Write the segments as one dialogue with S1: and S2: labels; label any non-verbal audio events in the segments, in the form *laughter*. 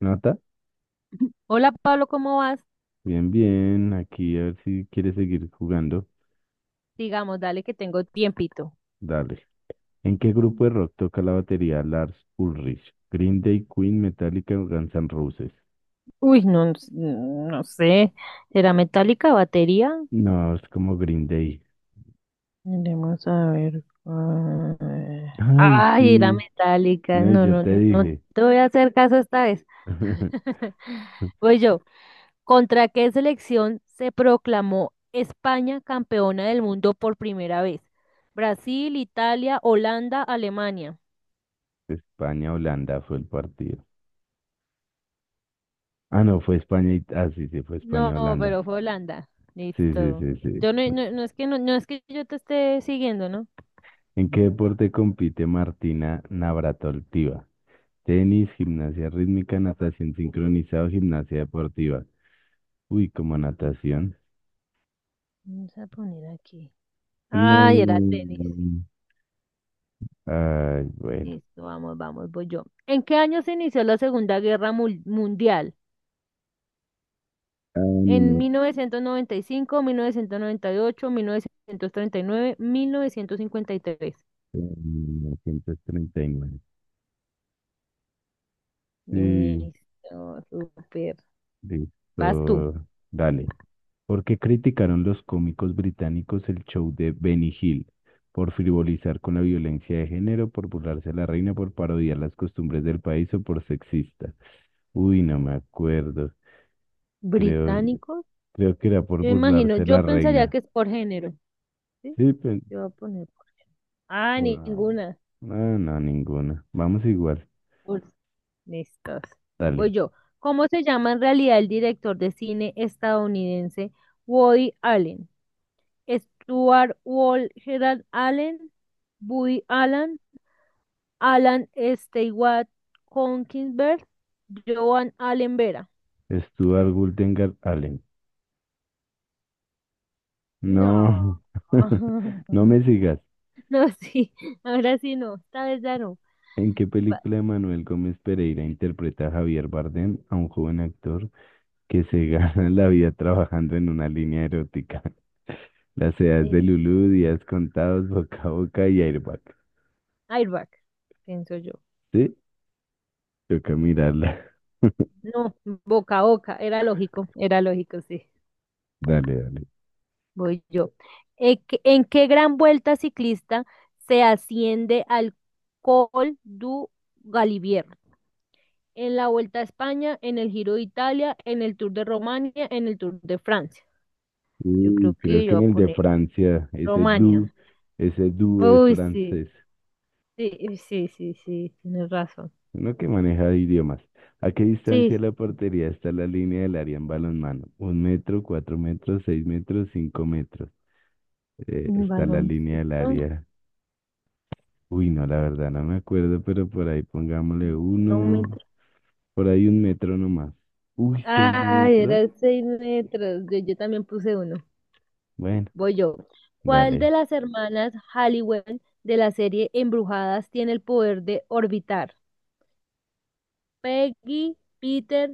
S1: ¿Nota?
S2: Hola Pablo, ¿cómo vas?
S1: Bien, bien. Aquí a ver si quieres seguir jugando.
S2: Digamos, dale que tengo tiempito.
S1: Dale. ¿En qué grupo de rock toca la batería Lars Ulrich? Green Day, Queen, Metallica o Guns N' Roses.
S2: Uy, no, no sé. ¿Será metálica batería?
S1: No, es como Green Day.
S2: Miremos a ver.
S1: *laughs* Ay,
S2: Ay, era
S1: sí.
S2: metálica.
S1: No, y
S2: No,
S1: yo
S2: no,
S1: te
S2: no
S1: dije.
S2: te voy a hacer caso esta vez.
S1: *laughs*
S2: *laughs* Voy yo. ¿Contra qué selección se proclamó España campeona del mundo por primera vez? ¿Brasil, Italia, Holanda, Alemania?
S1: España-Holanda fue el partido. Ah, no, fue España y... Ah, sí, sí, fue
S2: No,
S1: España-Holanda.
S2: pero fue Holanda.
S1: Sí, sí,
S2: Listo.
S1: sí, sí.
S2: Yo no, no, no es que no, no es que yo te esté siguiendo, ¿no?
S1: ¿En qué deporte compite Martina Navratilova? Tenis, gimnasia rítmica, natación sincronizada, o gimnasia deportiva. Uy, como natación.
S2: Vamos a poner aquí. Ay, era
S1: No.
S2: tenis.
S1: Ay, bueno.
S2: Listo, vamos, vamos, voy yo. ¿En qué año se inició la Segunda Guerra Mundial?
S1: Ah,
S2: ¿En mil mil mil
S1: minuto
S2: mil novecientos noventa y cinco, ocho, 1939, 1953.
S1: 939. Sí,
S2: Listo, súper. Vas tú.
S1: listo. Dale. ¿Por qué criticaron los cómicos británicos el show de Benny Hill? Por frivolizar con la violencia de género, por burlarse de la reina, por parodiar las costumbres del país o por sexista. Uy, no me acuerdo. Creo,
S2: ¿Británicos?
S1: creo que era por
S2: Yo imagino,
S1: burlarse de
S2: yo
S1: la
S2: pensaría
S1: reina.
S2: que es por género. ¿Sí?
S1: Sí, pe-
S2: Yo voy a poner por. Ah,
S1: Bueno,
S2: ninguna.
S1: no, no, ninguna. Vamos igual.
S2: Por. Listos. Voy
S1: Dale.
S2: yo. ¿Cómo se llama en realidad el director de cine estadounidense Woody Allen? Stuart Wall, Gerard Allen, Woody Allen, Alan Stewart Konkinsberg, Joan Allen Vera.
S1: Stuart Guldengar Allen.
S2: No.
S1: No. *laughs* No
S2: *laughs*
S1: me sigas.
S2: No, sí. Ahora sí no. Esta vez ya no.
S1: ¿En qué película de Manuel Gómez Pereira interpreta a Javier Bardem, a un joven actor que se *laughs* gana la vida trabajando en una línea erótica? *laughs* Las edades de
S2: Eh,
S1: Lulú, días contados, boca a boca y airbag.
S2: Airbag, pienso yo.
S1: ¿Sí? Toca mirarla. *laughs*
S2: No, boca a boca. Era lógico. Era lógico, sí.
S1: Dale, dale.
S2: Voy yo. ¿En qué gran vuelta ciclista se asciende al Col du Galibier? En la Vuelta a España, en el Giro de Italia, en el Tour de Romania, en el Tour de Francia. Yo
S1: Uy,
S2: creo
S1: creo
S2: que
S1: que
S2: yo voy
S1: en
S2: a
S1: el de
S2: poner
S1: Francia,
S2: Romania.
S1: ese du es
S2: Uy, sí,
S1: francés.
S2: sí, sí, sí, sí, tienes razón.
S1: Uno que maneja idiomas. ¿A qué
S2: Sí,
S1: distancia de
S2: sí.
S1: la portería está la línea del área en balonmano? Un metro, cuatro metros, seis metros, cinco metros. Está la línea del
S2: Baloncesto.
S1: área. Uy, no, la verdad no me acuerdo, pero por ahí pongámosle
S2: dos
S1: uno,
S2: metros.
S1: por ahí un metro nomás. Uy, seis
S2: Ay,
S1: metros.
S2: eran 6 metros. Yo también puse uno.
S1: Bueno,
S2: Voy yo. ¿Cuál
S1: dale.
S2: de las hermanas Halliwell de la serie Embrujadas tiene el poder de orbitar? Peggy, Peter,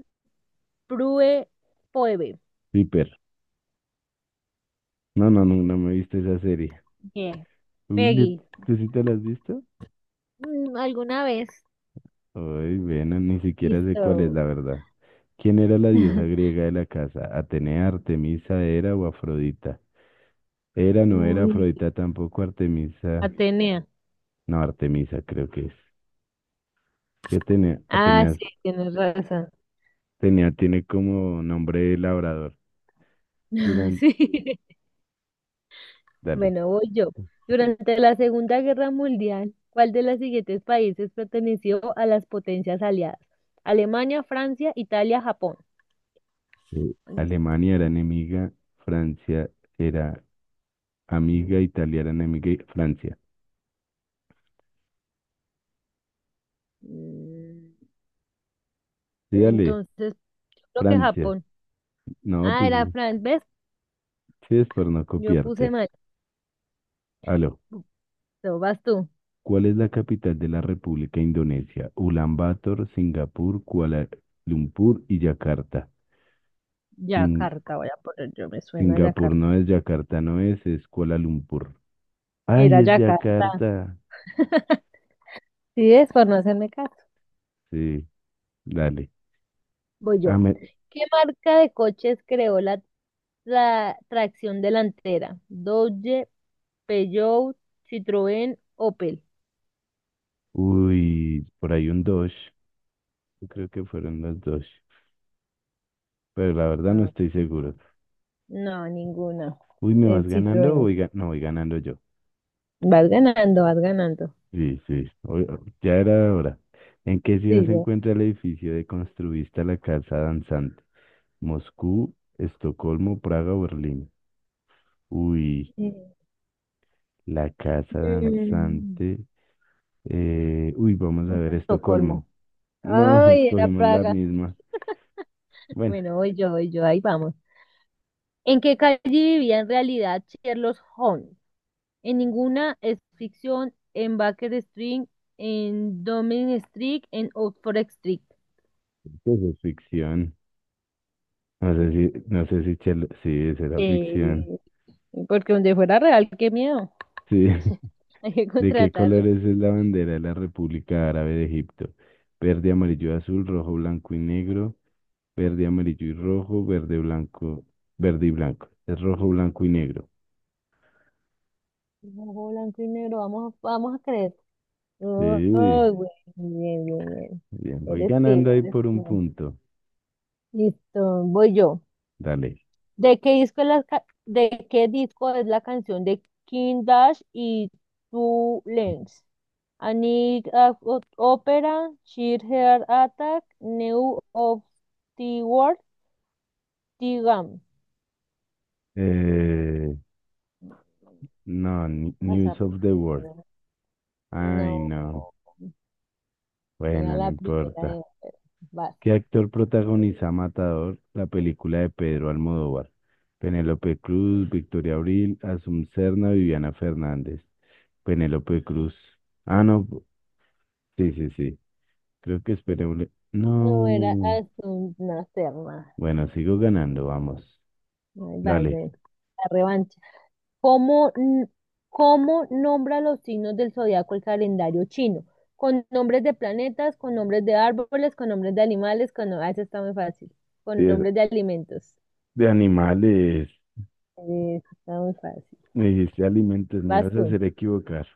S2: Prue, Phoebe.
S1: Viper. No, no, no, no me he visto esa serie.
S2: Bien,
S1: Uy, ¿le-
S2: Peggy.
S1: ¿tú sí te la has visto?
S2: ¿Alguna vez?
S1: Uy, bueno, ni siquiera sé cuál es
S2: Listo.
S1: la verdad. ¿Quién era la diosa
S2: *laughs*
S1: griega de la casa? ¿Atenea, Artemisa, Hera o Afrodita? Hera no era
S2: Uy,
S1: Afrodita tampoco, Artemisa.
S2: Atenea.
S1: No, Artemisa creo que es. ¿Qué Atenea?
S2: Ah,
S1: Atenea,
S2: sí, tienes razón.
S1: Atenea tiene como nombre de labrador.
S2: *laughs*
S1: Durante,
S2: Sí.
S1: dale.
S2: Bueno, voy yo. Durante la Segunda Guerra Mundial, ¿cuál de los siguientes países perteneció a las potencias aliadas? Alemania, Francia, Italia, Japón. Bueno,
S1: Alemania era enemiga, Francia era amiga, Italia era enemiga y Francia.
S2: Mm,
S1: Sí, dale,
S2: Entonces, yo creo que
S1: Francia.
S2: Japón.
S1: No,
S2: Ah,
S1: pues
S2: era
S1: sí
S2: Fran, ¿ves?
S1: sí es por no
S2: Yo puse
S1: copiarte.
S2: mal.
S1: Aló.
S2: No, vas tú.
S1: ¿Cuál es la capital de la República Indonesia? Ulaanbaatar, Singapur, Kuala Lumpur y Yakarta. Sin-
S2: Yakarta, voy a poner yo, me suena
S1: Singapur
S2: Yakarta.
S1: no es, Yakarta no es, es Kuala Lumpur. ¡Ay,
S2: Era
S1: es
S2: Yakarta.
S1: Yakarta!
S2: *laughs* Sí, es por no hacerme caso.
S1: Sí, dale.
S2: Voy
S1: Ah,
S2: yo.
S1: me-
S2: ¿Qué marca de coches creó la tracción delantera? Dodge, Peugeot, Citroën, Opel.
S1: Uy, por ahí un dos. Yo creo que fueron los dos. Pero la verdad no
S2: Ah,
S1: estoy seguro.
S2: no, ninguna.
S1: Uy, ¿me
S2: El
S1: vas ganando o
S2: Citroën.
S1: voy ga- no voy ganando yo?
S2: Vas ganando, vas ganando.
S1: Sí, sí, o- ya era hora. ¿En qué ciudad
S2: Sí,
S1: se
S2: ya.
S1: encuentra el edificio de Construvista la Casa Danzante? Moscú, Estocolmo, Praga, o Berlín. Uy, la casa
S2: Mm.
S1: danzante. Vamos a
S2: No
S1: ver
S2: fue
S1: Estocolmo.
S2: Estocolmo.
S1: No, *laughs*
S2: Ay, era
S1: escogimos la
S2: Praga.
S1: misma.
S2: *laughs*
S1: Bueno,
S2: Bueno, hoy yo, ahí vamos. ¿En qué calle vivía en realidad Sherlock Holmes? En ninguna es ficción, en Baker Street, en Downing Street, en Oxford Street.
S1: pues es ficción. No sé si, no sé si Chelo- sí, esa era
S2: Eh,
S1: ficción.
S2: porque donde fuera real, qué miedo.
S1: Sí.
S2: *laughs*
S1: *laughs*
S2: Hay que
S1: ¿De qué
S2: contratarlo.
S1: colores es la bandera de la República Árabe de Egipto? Verde, amarillo, azul, rojo, blanco y negro. Verde, amarillo y rojo, verde, blanco, verde y blanco. Es rojo, blanco y negro.
S2: Ojo blanco y negro, vamos, vamos a creer. Oh,
S1: Sí.
S2: oh, güey, bien, bien, bien.
S1: Bien, voy
S2: Eres tú,
S1: ganando ahí
S2: eres
S1: por un
S2: tú.
S1: punto.
S2: Listo, voy yo.
S1: Dale.
S2: ¿De qué disco es la canción de King Dash y Two Lens A Night of Opera, Sheer Heart Attack, New of the World, The Gum.
S1: Eh, no, ni-
S2: O
S1: News
S2: sea,
S1: of
S2: porque
S1: the World. Ay,
S2: no,
S1: no.
S2: era
S1: Bueno, no
S2: la primera de
S1: importa.
S2: Opera. Vas.
S1: ¿Qué actor protagoniza Matador, la película de Pedro Almodóvar? Penélope Cruz, Victoria Abril, Asum Serna, Viviana Fernández. Penélope Cruz. Ah, no. Sí, sí, sí. Creo que esperé
S2: No, era
S1: no.
S2: Aston Nacerma.
S1: Bueno, sigo ganando, vamos.
S2: Ay, vas,
S1: Dale.
S2: ven. La revancha. ¿Cómo, n- cómo nombra los signos del zodiaco el calendario chino? Con nombres de planetas, con nombres de árboles, con nombres de animales, con... no- Ah, eso está muy fácil. Con
S1: De,
S2: nombres de alimentos.
S1: de animales.
S2: Eso está muy fácil.
S1: Me dijiste alimentos, me
S2: Vas
S1: ibas a
S2: tú.
S1: hacer equivocar.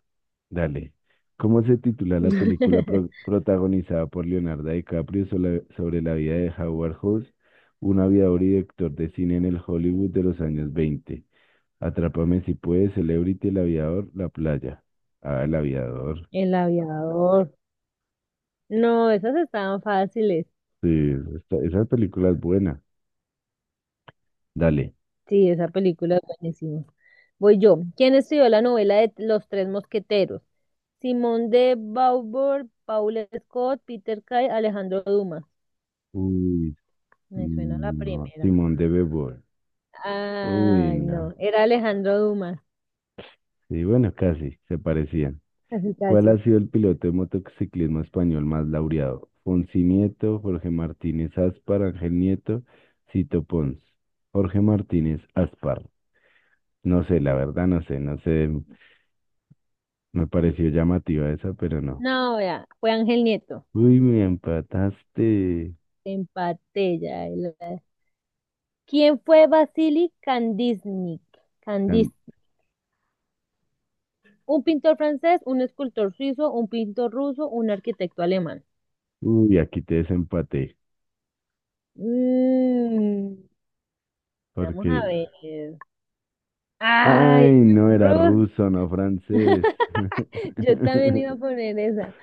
S1: Dale. ¿Cómo se titula la película
S2: *laughs*
S1: pro- protagonizada por Leonardo DiCaprio sola- sobre la vida de Howard Hughes, un aviador y director de cine en el Hollywood de los años veinte? Atrápame si puedes, Celebrity, El aviador, La playa. Ah, El aviador.
S2: El aviador. No, esas estaban fáciles.
S1: Sí, esa película es buena. Dale.
S2: Sí, esa película es buenísima. Voy yo. ¿Quién estudió la novela de Los Tres Mosqueteros? Simón de Beauvoir, Paul Scott, Peter Kay, Alejandro Dumas.
S1: Uy,
S2: Me suena la
S1: no,
S2: primera.
S1: Simón de Beauvoir. Uy,
S2: Ay,
S1: no.
S2: no, era Alejandro Dumas.
S1: Sí, bueno, casi, se parecían.
S2: Casi,
S1: ¿Cuál
S2: casi.
S1: ha sido el piloto de motociclismo español más laureado? Fonsi Nieto, Jorge Martínez Aspar, Ángel Nieto, Cito Pons. Jorge Martínez Aspar. No sé, la verdad no sé, no sé. Me pareció llamativa esa, pero no.
S2: No, ya, fue Ángel Nieto.
S1: Uy, me empataste.
S2: Empaté ya. ¿Quién fue Vasily Kandinsky?
S1: Tan-
S2: Kandinsky. Un pintor francés, un escultor suizo, un pintor ruso, un arquitecto alemán.
S1: Uy, aquí te desempaté.
S2: Mm, vamos
S1: Porque.
S2: a ver.
S1: Ay,
S2: Ay,
S1: no era
S2: Ruth.
S1: ruso, no francés.
S2: *laughs* Yo también iba a
S1: *laughs*
S2: poner esa.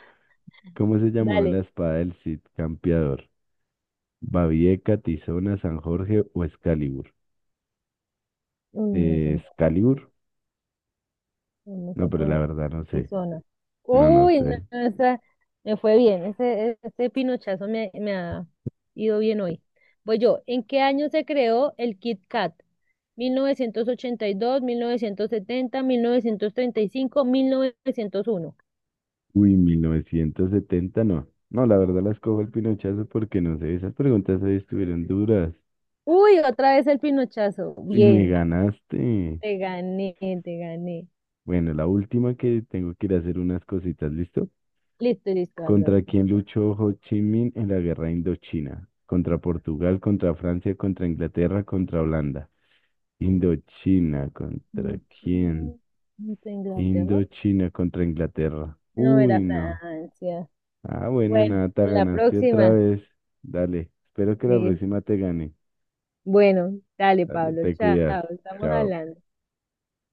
S1: ¿Cómo se llamaba la
S2: Dale.
S1: espada del Cid Campeador? Babieca, Tizona, San Jorge o Excalibur.
S2: Uy, no, eso no,
S1: Excalibur,
S2: no
S1: no,
S2: fue
S1: pero la
S2: poner.
S1: verdad no sé.
S2: Tizona.
S1: No, no
S2: Uy, no,
S1: sé.
S2: me fue bien. Ese pinochazo me ha ido bien hoy. Voy yo. ¿En qué año se creó el Kit Kat? 1982, 1970, 1935, 1901.
S1: Uy, 1970, no. No, la verdad las cojo el pinochazo porque no sé. Esas preguntas ahí estuvieron duras.
S2: Uy, otra vez el pinochazo.
S1: Y me
S2: Bien,
S1: ganaste.
S2: te gané, te gané.
S1: Bueno, la última que tengo que ir a hacer unas cositas, ¿listo?
S2: Listo, listo. A la
S1: ¿Contra quién
S2: última.
S1: luchó Ho Chi Minh en la guerra Indochina? Contra Portugal, contra Francia, contra Inglaterra, contra Holanda. Indochina, ¿contra
S2: Noche-
S1: quién?
S2: ¿Inglaterra?
S1: Indochina contra Inglaterra.
S2: No
S1: Uy,
S2: era
S1: no.
S2: Francia.
S1: Ah, bueno,
S2: Bueno,
S1: nada, te
S2: en la
S1: ganaste otra
S2: próxima.
S1: vez. Dale, espero que la
S2: Listo.
S1: próxima te gane.
S2: Bueno, dale,
S1: Dale,
S2: Pablo,
S1: te
S2: chao,
S1: cuidas.
S2: estamos
S1: Chao.
S2: hablando.